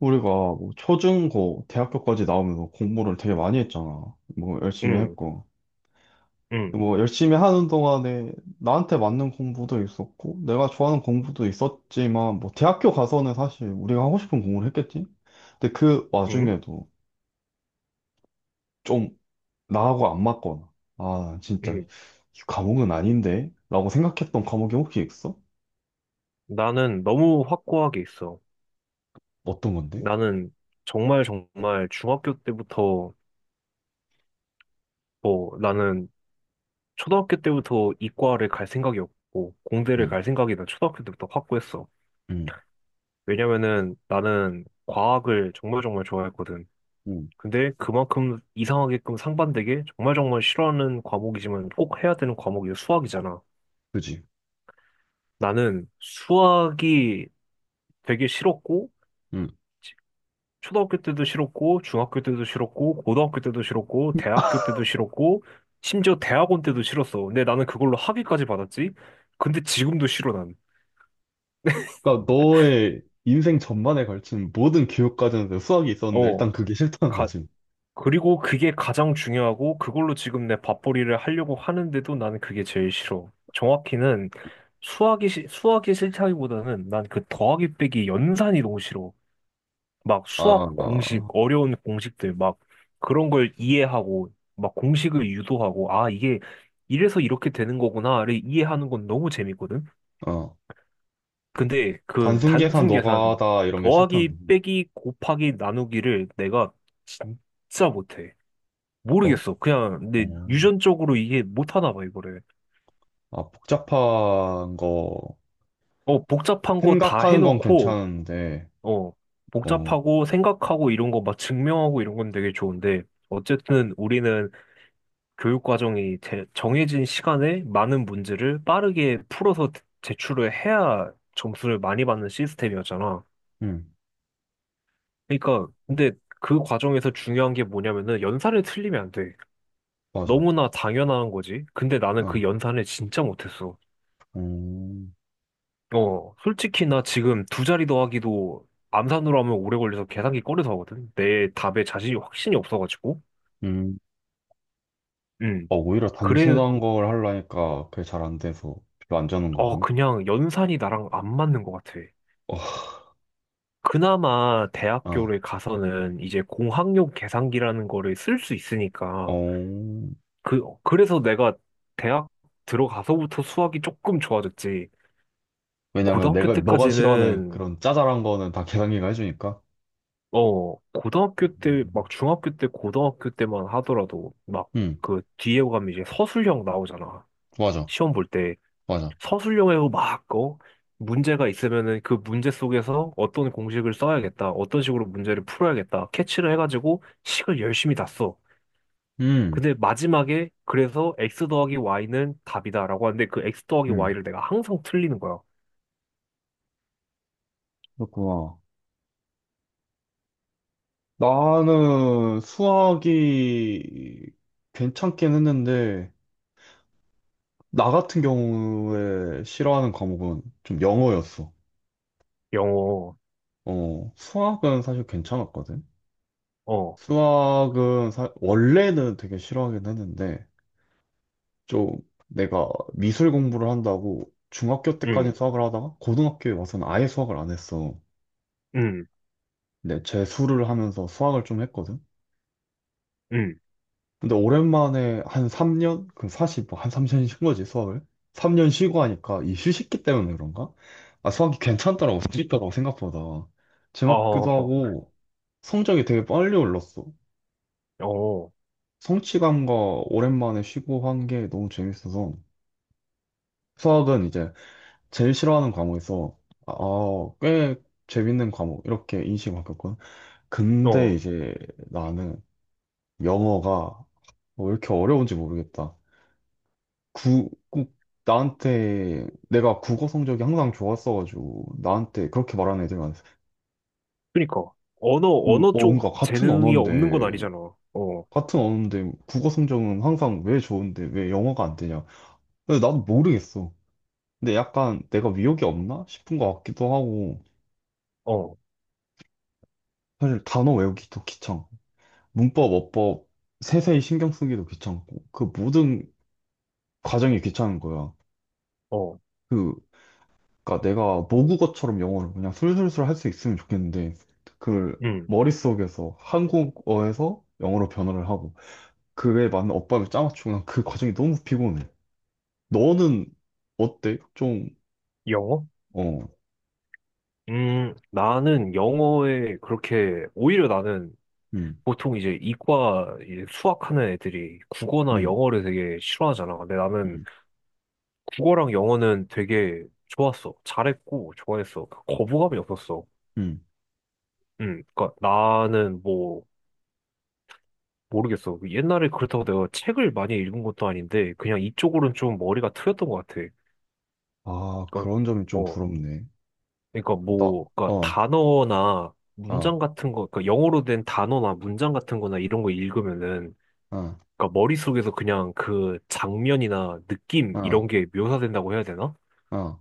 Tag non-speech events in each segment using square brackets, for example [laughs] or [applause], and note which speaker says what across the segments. Speaker 1: 우리가 뭐 초중고, 대학교까지 나오면서 공부를 되게 많이 했잖아. 뭐 열심히
Speaker 2: 응,
Speaker 1: 했고.
Speaker 2: 응,
Speaker 1: 뭐 열심히 하는 동안에 나한테 맞는 공부도 있었고, 내가 좋아하는 공부도 있었지만, 뭐 대학교 가서는 사실 우리가 하고 싶은 공부를 했겠지? 근데 그
Speaker 2: 응,
Speaker 1: 와중에도 좀 나하고 안 맞거나, 아, 진짜
Speaker 2: 응.
Speaker 1: 이 과목은 아닌데? 라고 생각했던 과목이 혹시 있어?
Speaker 2: 나는 너무 확고하게 있어.
Speaker 1: 어떤 건데?
Speaker 2: 나는 정말 정말 중학교 때부터 뭐 나는 초등학교 때부터 이과를 갈 생각이 없고 공대를
Speaker 1: 응,
Speaker 2: 갈 생각이 나 초등학교 때부터 확고했어.
Speaker 1: 응,
Speaker 2: 왜냐면은 나는 과학을 정말 정말 좋아했거든.
Speaker 1: 응,
Speaker 2: 근데 그만큼 이상하게끔 상반되게 정말 정말 싫어하는 과목이지만 꼭 해야 되는 과목이 수학이잖아.
Speaker 1: 그지?
Speaker 2: 나는 수학이 되게 싫었고 초등학교 때도 싫었고, 중학교 때도 싫었고, 고등학교 때도 싫었고, 대학교 때도 싫었고, 심지어 대학원 때도 싫었어. 근데 나는 그걸로 학위까지 받았지? 근데 지금도 싫어, 난.
Speaker 1: 그러니까 너의 인생 전반에 걸친 모든 교육 과정에서 수학이 있었는데
Speaker 2: 어,
Speaker 1: 일단 그게 싫다는
Speaker 2: 가,
Speaker 1: 거지.
Speaker 2: 그리고 그게 가장 중요하고, 그걸로 지금 내 밥벌이를 하려고 하는데도 나는 그게 제일 싫어. 정확히는 수학이, 수학이 싫다기보다는 난 그 더하기 빼기 연산이 너무 싫어. 막
Speaker 1: 아,
Speaker 2: 수학 공식,
Speaker 1: 어.
Speaker 2: 어려운 공식들, 막 그런 걸 이해하고, 막 공식을 유도하고, 아, 이게 이래서 이렇게 되는 거구나를 이해하는 건 너무 재밌거든?
Speaker 1: 어.
Speaker 2: 근데 그
Speaker 1: 단순 계산
Speaker 2: 단순 계산,
Speaker 1: 노가다 이런 게 싫다는
Speaker 2: 더하기,
Speaker 1: 거지.
Speaker 2: 빼기, 곱하기, 나누기를 내가 진짜 못해.
Speaker 1: 어?
Speaker 2: 모르겠어. 그냥 내
Speaker 1: 음.
Speaker 2: 유전적으로 이게 못하나 봐, 이거를.
Speaker 1: 아, 복잡한 거
Speaker 2: 어, 복잡한 거 다
Speaker 1: 생각하는 건
Speaker 2: 해놓고,
Speaker 1: 괜찮은데,
Speaker 2: 어,
Speaker 1: 어,
Speaker 2: 복잡하고 생각하고 이런 거 막 증명하고 이런 건 되게 좋은데, 어쨌든 우리는 교육 과정이 정해진 시간에 많은 문제를 빠르게 풀어서 제출을 해야 점수를 많이 받는 시스템이었잖아.
Speaker 1: 음,
Speaker 2: 그러니까 근데 그 과정에서 중요한 게 뭐냐면은 연산을 틀리면 안 돼.
Speaker 1: 맞아.
Speaker 2: 너무나 당연한 거지. 근데 나는 그
Speaker 1: 어,
Speaker 2: 연산을 진짜 못했어.
Speaker 1: 음,
Speaker 2: 어, 솔직히 나 지금 두 자리 더하기도 암산으로 하면 오래 걸려서 계산기 꺼내서 하거든. 내 답에 자신이 확신이 없어가지고.
Speaker 1: 음.
Speaker 2: 음.
Speaker 1: 어, 오히려
Speaker 2: 그래,
Speaker 1: 단순한 걸 하려니까 그게 잘 안 돼서 별로 안 자는
Speaker 2: 어,
Speaker 1: 거구나.
Speaker 2: 그냥 연산이 나랑 안 맞는 것 같아.
Speaker 1: 어,
Speaker 2: 그나마
Speaker 1: 아,
Speaker 2: 대학교를 가서는 이제 공학용 계산기라는 거를 쓸 수 있으니까
Speaker 1: 어.
Speaker 2: 그 그래서 내가 대학 들어가서부터 수학이 조금 좋아졌지.
Speaker 1: 왜냐면
Speaker 2: 고등학교
Speaker 1: 내가 너가 싫어하는
Speaker 2: 때까지는
Speaker 1: 그런 짜잘한 거는 다 계산기가 해주니까.
Speaker 2: 어 고등학교 때 막 중학교 때 고등학교 때만 하더라도 막
Speaker 1: 음,
Speaker 2: 그 뒤에 가면 이제 서술형 나오잖아.
Speaker 1: 맞아,
Speaker 2: 시험 볼 때
Speaker 1: 맞아.
Speaker 2: 서술형에서 막어 문제가 있으면은 그 문제 속에서 어떤 공식을 써야겠다, 어떤 식으로 문제를 풀어야겠다, 캐치를 해가지고 식을 열심히 다 써.
Speaker 1: 음,
Speaker 2: 근데 마지막에 그래서 x 더하기 y는 답이다라고 하는데 그 x 더하기
Speaker 1: 음,
Speaker 2: y를 내가 항상 틀리는 거야.
Speaker 1: 그렇구나. 나는 수학이 괜찮긴 했는데, 나 같은 경우에 싫어하는 과목은 좀 영어였어.
Speaker 2: 영어,
Speaker 1: 어, 수학은 사실 괜찮았거든.
Speaker 2: 어,
Speaker 1: 수학은 원래는 되게 싫어하긴 했는데, 좀 내가 미술 공부를 한다고 중학교 때까지
Speaker 2: 응
Speaker 1: 수학을 하다가 고등학교에 와서는 아예 수학을 안 했어.
Speaker 2: 응
Speaker 1: 근데 재수를 하면서 수학을 좀 했거든.
Speaker 2: 응
Speaker 1: 근데 오랜만에 한 3년? 그럼 사실 뭐 한 3년 쉰 거지, 수학을? 3년 쉬고 하니까 이 휴식기 때문에 그런가? 아, 수학이 괜찮더라고, 재밌더라고, 생각보다.
Speaker 2: 어,
Speaker 1: 재밌기도 하고, 성적이 되게 빨리 올랐어.
Speaker 2: 어,
Speaker 1: 성취감과 오랜만에 쉬고 한 게 너무 재밌어서. 수학은 이제 제일 싫어하는 과목에서, 아, 아, 꽤 재밌는 과목, 이렇게 인식이 바뀌었거든. 근데
Speaker 2: 어.
Speaker 1: 이제 나는 영어가 뭐 왜 이렇게 어려운지 모르겠다. 꼭 나한테 내가 국어 성적이 항상 좋았어가지고 나한테 그렇게 말하는 애들 많았어.
Speaker 2: 그러니까 언어
Speaker 1: 그 어,
Speaker 2: 언어 쪽
Speaker 1: 뭔가 같은
Speaker 2: 재능이 없는 건
Speaker 1: 언어인데
Speaker 2: 아니잖아. 어,
Speaker 1: 국어 성적은 항상 왜 좋은데 왜 영어가 안 되냐? 근데 나도 모르겠어. 근데 약간 내가 위협이 없나 싶은 것 같기도 하고
Speaker 2: 어,
Speaker 1: 사실 단어 외우기도 귀찮고 문법, 어법 세세히 신경 쓰기도 귀찮고 그 모든 과정이 귀찮은 거야.
Speaker 2: 어,
Speaker 1: 그 그러니까 내가 모국어처럼 영어를 그냥 술술술 할 수 있으면 좋겠는데 그걸
Speaker 2: 응
Speaker 1: 머릿속에서 한국어에서 영어로 변화를 하고 그에 맞는 엇법을 짜맞추고 난 그 과정이 너무 피곤해. 너는 어때? 좀
Speaker 2: 영어?
Speaker 1: 어,
Speaker 2: 나는 영어에 그렇게 오히려 나는
Speaker 1: 음,
Speaker 2: 보통 이제 이과 이제 수학하는 애들이 국어나
Speaker 1: 음,
Speaker 2: 영어를 되게 싫어하잖아. 근데 나는
Speaker 1: 음,
Speaker 2: 국어랑 영어는 되게 좋았어. 잘했고, 좋아했어. 그 거부감이 없었어.
Speaker 1: 음.
Speaker 2: 그니까 나는 뭐, 모르겠어. 그 옛날에 그렇다고 내가 책을 많이 읽은 것도 아닌데, 그냥 이쪽으로는 좀 머리가 트였던 것 같아.
Speaker 1: 아,
Speaker 2: 그니까,
Speaker 1: 그런 점이 좀
Speaker 2: 어,
Speaker 1: 부럽네.
Speaker 2: 그니까
Speaker 1: 나,
Speaker 2: 뭐, 그니까
Speaker 1: 어,
Speaker 2: 단어나
Speaker 1: 아,
Speaker 2: 문장 같은 거, 그니까 영어로 된 단어나 문장 같은 거나 이런 거 읽으면은,
Speaker 1: 아,
Speaker 2: 그니까 머릿속에서 그냥 그 장면이나 느낌,
Speaker 1: 아,
Speaker 2: 이런 게 묘사된다고 해야 되나?
Speaker 1: 아,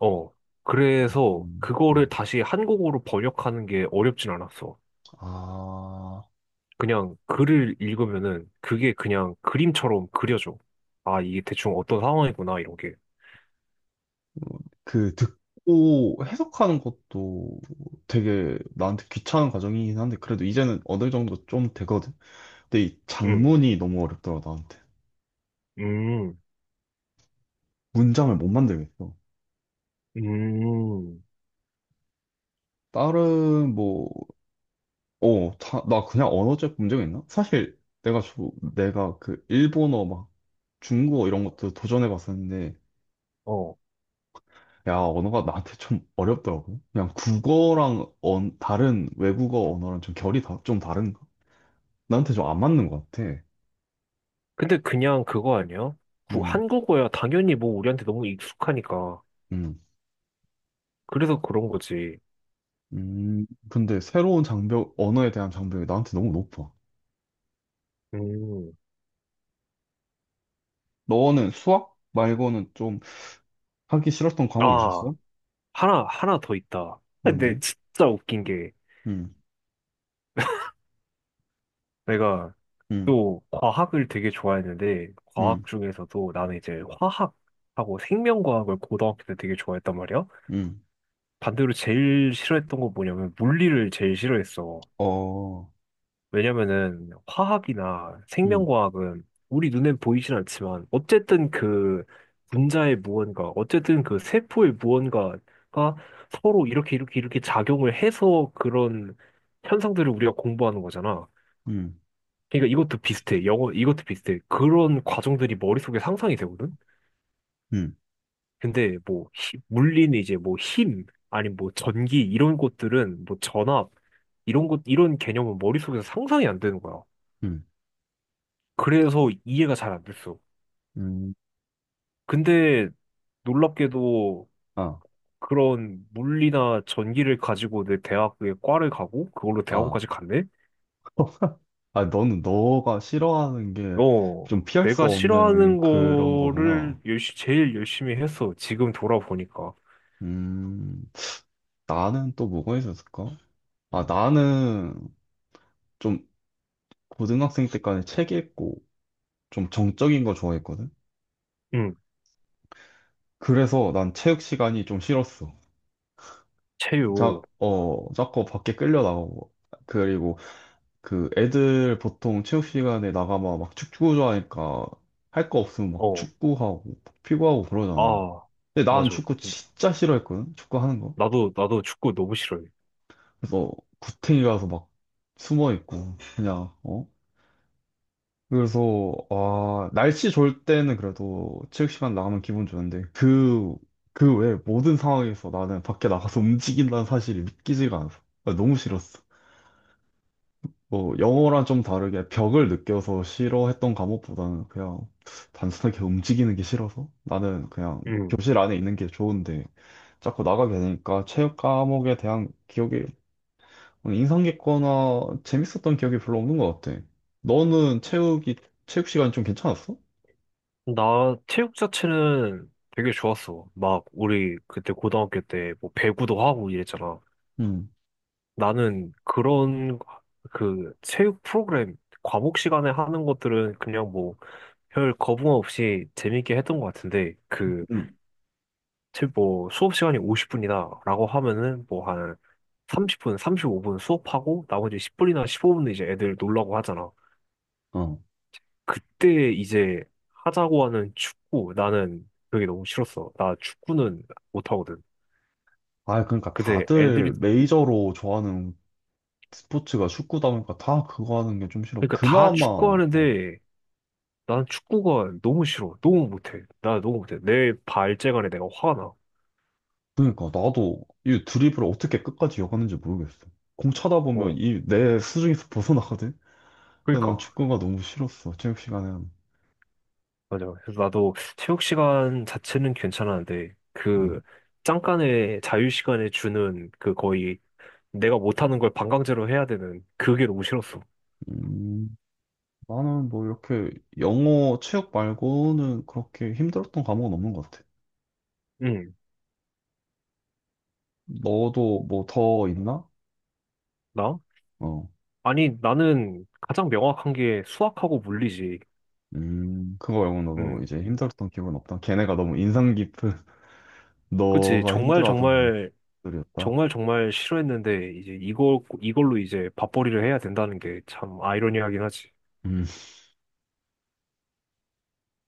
Speaker 2: 어, 그래서
Speaker 1: 음,
Speaker 2: 그거를
Speaker 1: 음.
Speaker 2: 다시 한국어로 번역하는 게 어렵진 않았어.
Speaker 1: 아.
Speaker 2: 그냥 글을 읽으면은 그게 그냥 그림처럼 그려져. 아, 이게 대충 어떤 상황이구나, 이런 게.
Speaker 1: 그 듣고 해석하는 것도 되게 나한테 귀찮은 과정이긴 한데 그래도 이제는 어느 정도 좀 되거든. 근데 이
Speaker 2: 음,
Speaker 1: 장문이 너무 어렵더라 나한테.
Speaker 2: 음,
Speaker 1: 문장을 못 만들겠어.
Speaker 2: 음,
Speaker 1: 다른 뭐, 나 그냥 언어적 문제가 있나? 사실 내가 저, 내가 그 일본어 막 중국어 이런 것도 도전해 봤었는데
Speaker 2: 어.
Speaker 1: 야, 언어가 나한테 좀 어렵더라고. 그냥 국어랑 다른 외국어 언어랑 좀 결이 좀 다른가? 나한테 좀 안 맞는 것 같아.
Speaker 2: 근데 그냥 그거 아니야? 한국어야 당연히 뭐 우리한테 너무 익숙하니까.
Speaker 1: 음,
Speaker 2: 그래서 그런 거지.
Speaker 1: 근데 새로운 장벽, 언어에 대한 장벽이 나한테 너무 높아.
Speaker 2: 음,
Speaker 1: 너는 수학 말고는 좀 하기 싫었던 과목이
Speaker 2: 아,
Speaker 1: 있었어?
Speaker 2: 하나, 하나 더 있다. 근데
Speaker 1: 뭔데?
Speaker 2: 진짜 웃긴 게
Speaker 1: 음,
Speaker 2: 내가
Speaker 1: 음,
Speaker 2: 또 과학을 되게 좋아했는데
Speaker 1: 음,
Speaker 2: 과학 중에서도 나는 이제 화학하고 생명과학을 고등학교 때 되게 좋아했단 말이야.
Speaker 1: 음,
Speaker 2: 반대로 제일 싫어했던 거 뭐냐면 물리를 제일 싫어했어.
Speaker 1: 어,
Speaker 2: 왜냐면은 화학이나
Speaker 1: 음,
Speaker 2: 생명과학은 우리 눈엔 보이진 않지만 어쨌든 그 분자의 무언가, 어쨌든 그 세포의 무언가가 서로 이렇게 이렇게 이렇게 작용을 해서 그런 현상들을 우리가 공부하는 거잖아.
Speaker 1: 음,
Speaker 2: 그러니까 이것도 비슷해. 영어, 이것도 비슷해. 그런 과정들이 머릿속에 상상이 되거든?
Speaker 1: 음,
Speaker 2: 근데 뭐, 물리는 이제 뭐 힘, 아니면 뭐 전기, 이런 것들은 뭐 전압, 이런 것, 이런 개념은 머릿속에서 상상이 안 되는 거야.
Speaker 1: 음,
Speaker 2: 그래서 이해가 잘 안 됐어.
Speaker 1: 음,
Speaker 2: 근데 놀랍게도
Speaker 1: 아,
Speaker 2: 그런 물리나 전기를 가지고 내 대학의 과를 가고, 그걸로
Speaker 1: 아,
Speaker 2: 대학원까지 갔네?
Speaker 1: 아, 너는 너가 싫어하는 게
Speaker 2: 어,
Speaker 1: 좀 피할 수
Speaker 2: 내가 싫어하는
Speaker 1: 없는 그런 거구나.
Speaker 2: 거를 제일 열심히 했어. 지금 돌아보니까.
Speaker 1: 음, 나는 또 뭐가 있었을까? 아, 나는 좀 고등학생 때까지 책 읽고 좀 정적인 거 좋아했거든.
Speaker 2: 응.
Speaker 1: 그래서 난 체육 시간이 좀 싫었어. 자,
Speaker 2: 체육,
Speaker 1: 어, 자꾸 밖에 끌려 나가고. 그리고 그 애들 보통 체육 시간에 나가면 막 축구 좋아하니까 할 거 없으면 막
Speaker 2: 어,
Speaker 1: 축구하고 피구하고 그러잖아.
Speaker 2: 아,
Speaker 1: 근데 난
Speaker 2: 맞아.
Speaker 1: 축구 진짜 싫어했거든. 축구 하는 거.
Speaker 2: 나도, 나도 축구 너무 싫어해.
Speaker 1: 그래서 구탱이 가서 막 숨어 있고 그냥 어? 그래서 아 날씨 좋을 때는 그래도 체육시간 나가면 기분 좋은데 그 그 외 모든 상황에서 나는 밖에 나가서 [laughs] 움직인다는 사실이 믿기지가 않아서 아, 너무 싫었어. 뭐 영어랑 좀 다르게 벽을 느껴서 싫어했던 과목보다는 그냥 단순하게 움직이는 게 싫어서 나는 그냥
Speaker 2: 음.
Speaker 1: 교실 안에 있는 게 좋은데 자꾸 나가게 되니까 체육 과목에 대한 기억이 인상 깊거나 재밌었던 기억이 별로 없는 것 같아. 너는 체육이 체육 시간 좀 괜찮았어?
Speaker 2: 나 체육 자체는 되게 좋았어. 막, 우리 그때 고등학교 때 뭐 배구도 하고 이랬잖아.
Speaker 1: 음,
Speaker 2: 나는 그런 그 체육 프로그램, 과목 시간에 하는 것들은 그냥 뭐 별 거부감 없이 재밌게 했던 것 같은데, 그,
Speaker 1: 음.
Speaker 2: 뭐 수업 시간이 50분이다라고 하면은 뭐 한 30분, 35분 수업하고 나머지 10분이나 15분 이제 애들 놀라고 하잖아.
Speaker 1: 어.
Speaker 2: 그때 이제 하자고 하는 축구, 나는 그게 너무 싫었어. 나 축구는 못하거든.
Speaker 1: 아, 그러니까
Speaker 2: 근데 애들이,
Speaker 1: 다들 메이저로 좋아하는 스포츠가 축구다 보니까 다 그거 하는 게 좀 싫어.
Speaker 2: 그러니까 다
Speaker 1: 그나마, 어.
Speaker 2: 축구하는데 난 축구가 너무 싫어. 너무 못해. 나 너무 못해. 내 발재간에 내가 화가 나.
Speaker 1: 그러니까 나도 이 드리블을 어떻게 끝까지 이어가는지 모르겠어. 공 차다 보면
Speaker 2: 어,
Speaker 1: 이 내 수중에서 벗어나거든? 근데 난
Speaker 2: 그러니까.
Speaker 1: 축구가 너무 싫었어, 체육 시간에는.
Speaker 2: 맞아. 그래서 나도 체육 시간 자체는 괜찮았는데
Speaker 1: 음,
Speaker 2: 그 잠깐의 자유 시간에 주는 그 거의 내가 못하는 걸 반강제로 해야 되는 그게 너무 싫었어.
Speaker 1: 음, 나는 뭐 이렇게 영어 체육 말고는 그렇게 힘들었던 과목은 없는 것 같아.
Speaker 2: 응,
Speaker 1: 너도 뭐 더 있나?
Speaker 2: 나?
Speaker 1: 어.
Speaker 2: 아니, 나는 가장 명확한 게 수학하고 물리지.
Speaker 1: 그거 말고 너도
Speaker 2: 음.
Speaker 1: 이제 힘들었던 기억은 없다. 걔네가 너무 인상 깊은 [laughs]
Speaker 2: 그치.
Speaker 1: 너가
Speaker 2: 정말,
Speaker 1: 힘들어하던 그런
Speaker 2: 정말,
Speaker 1: 것들이었다.
Speaker 2: 정말, 정말 싫어했는데, 이제 이걸로 이제 밥벌이를 해야 된다는 게 참 아이러니하긴 하지.
Speaker 1: 음.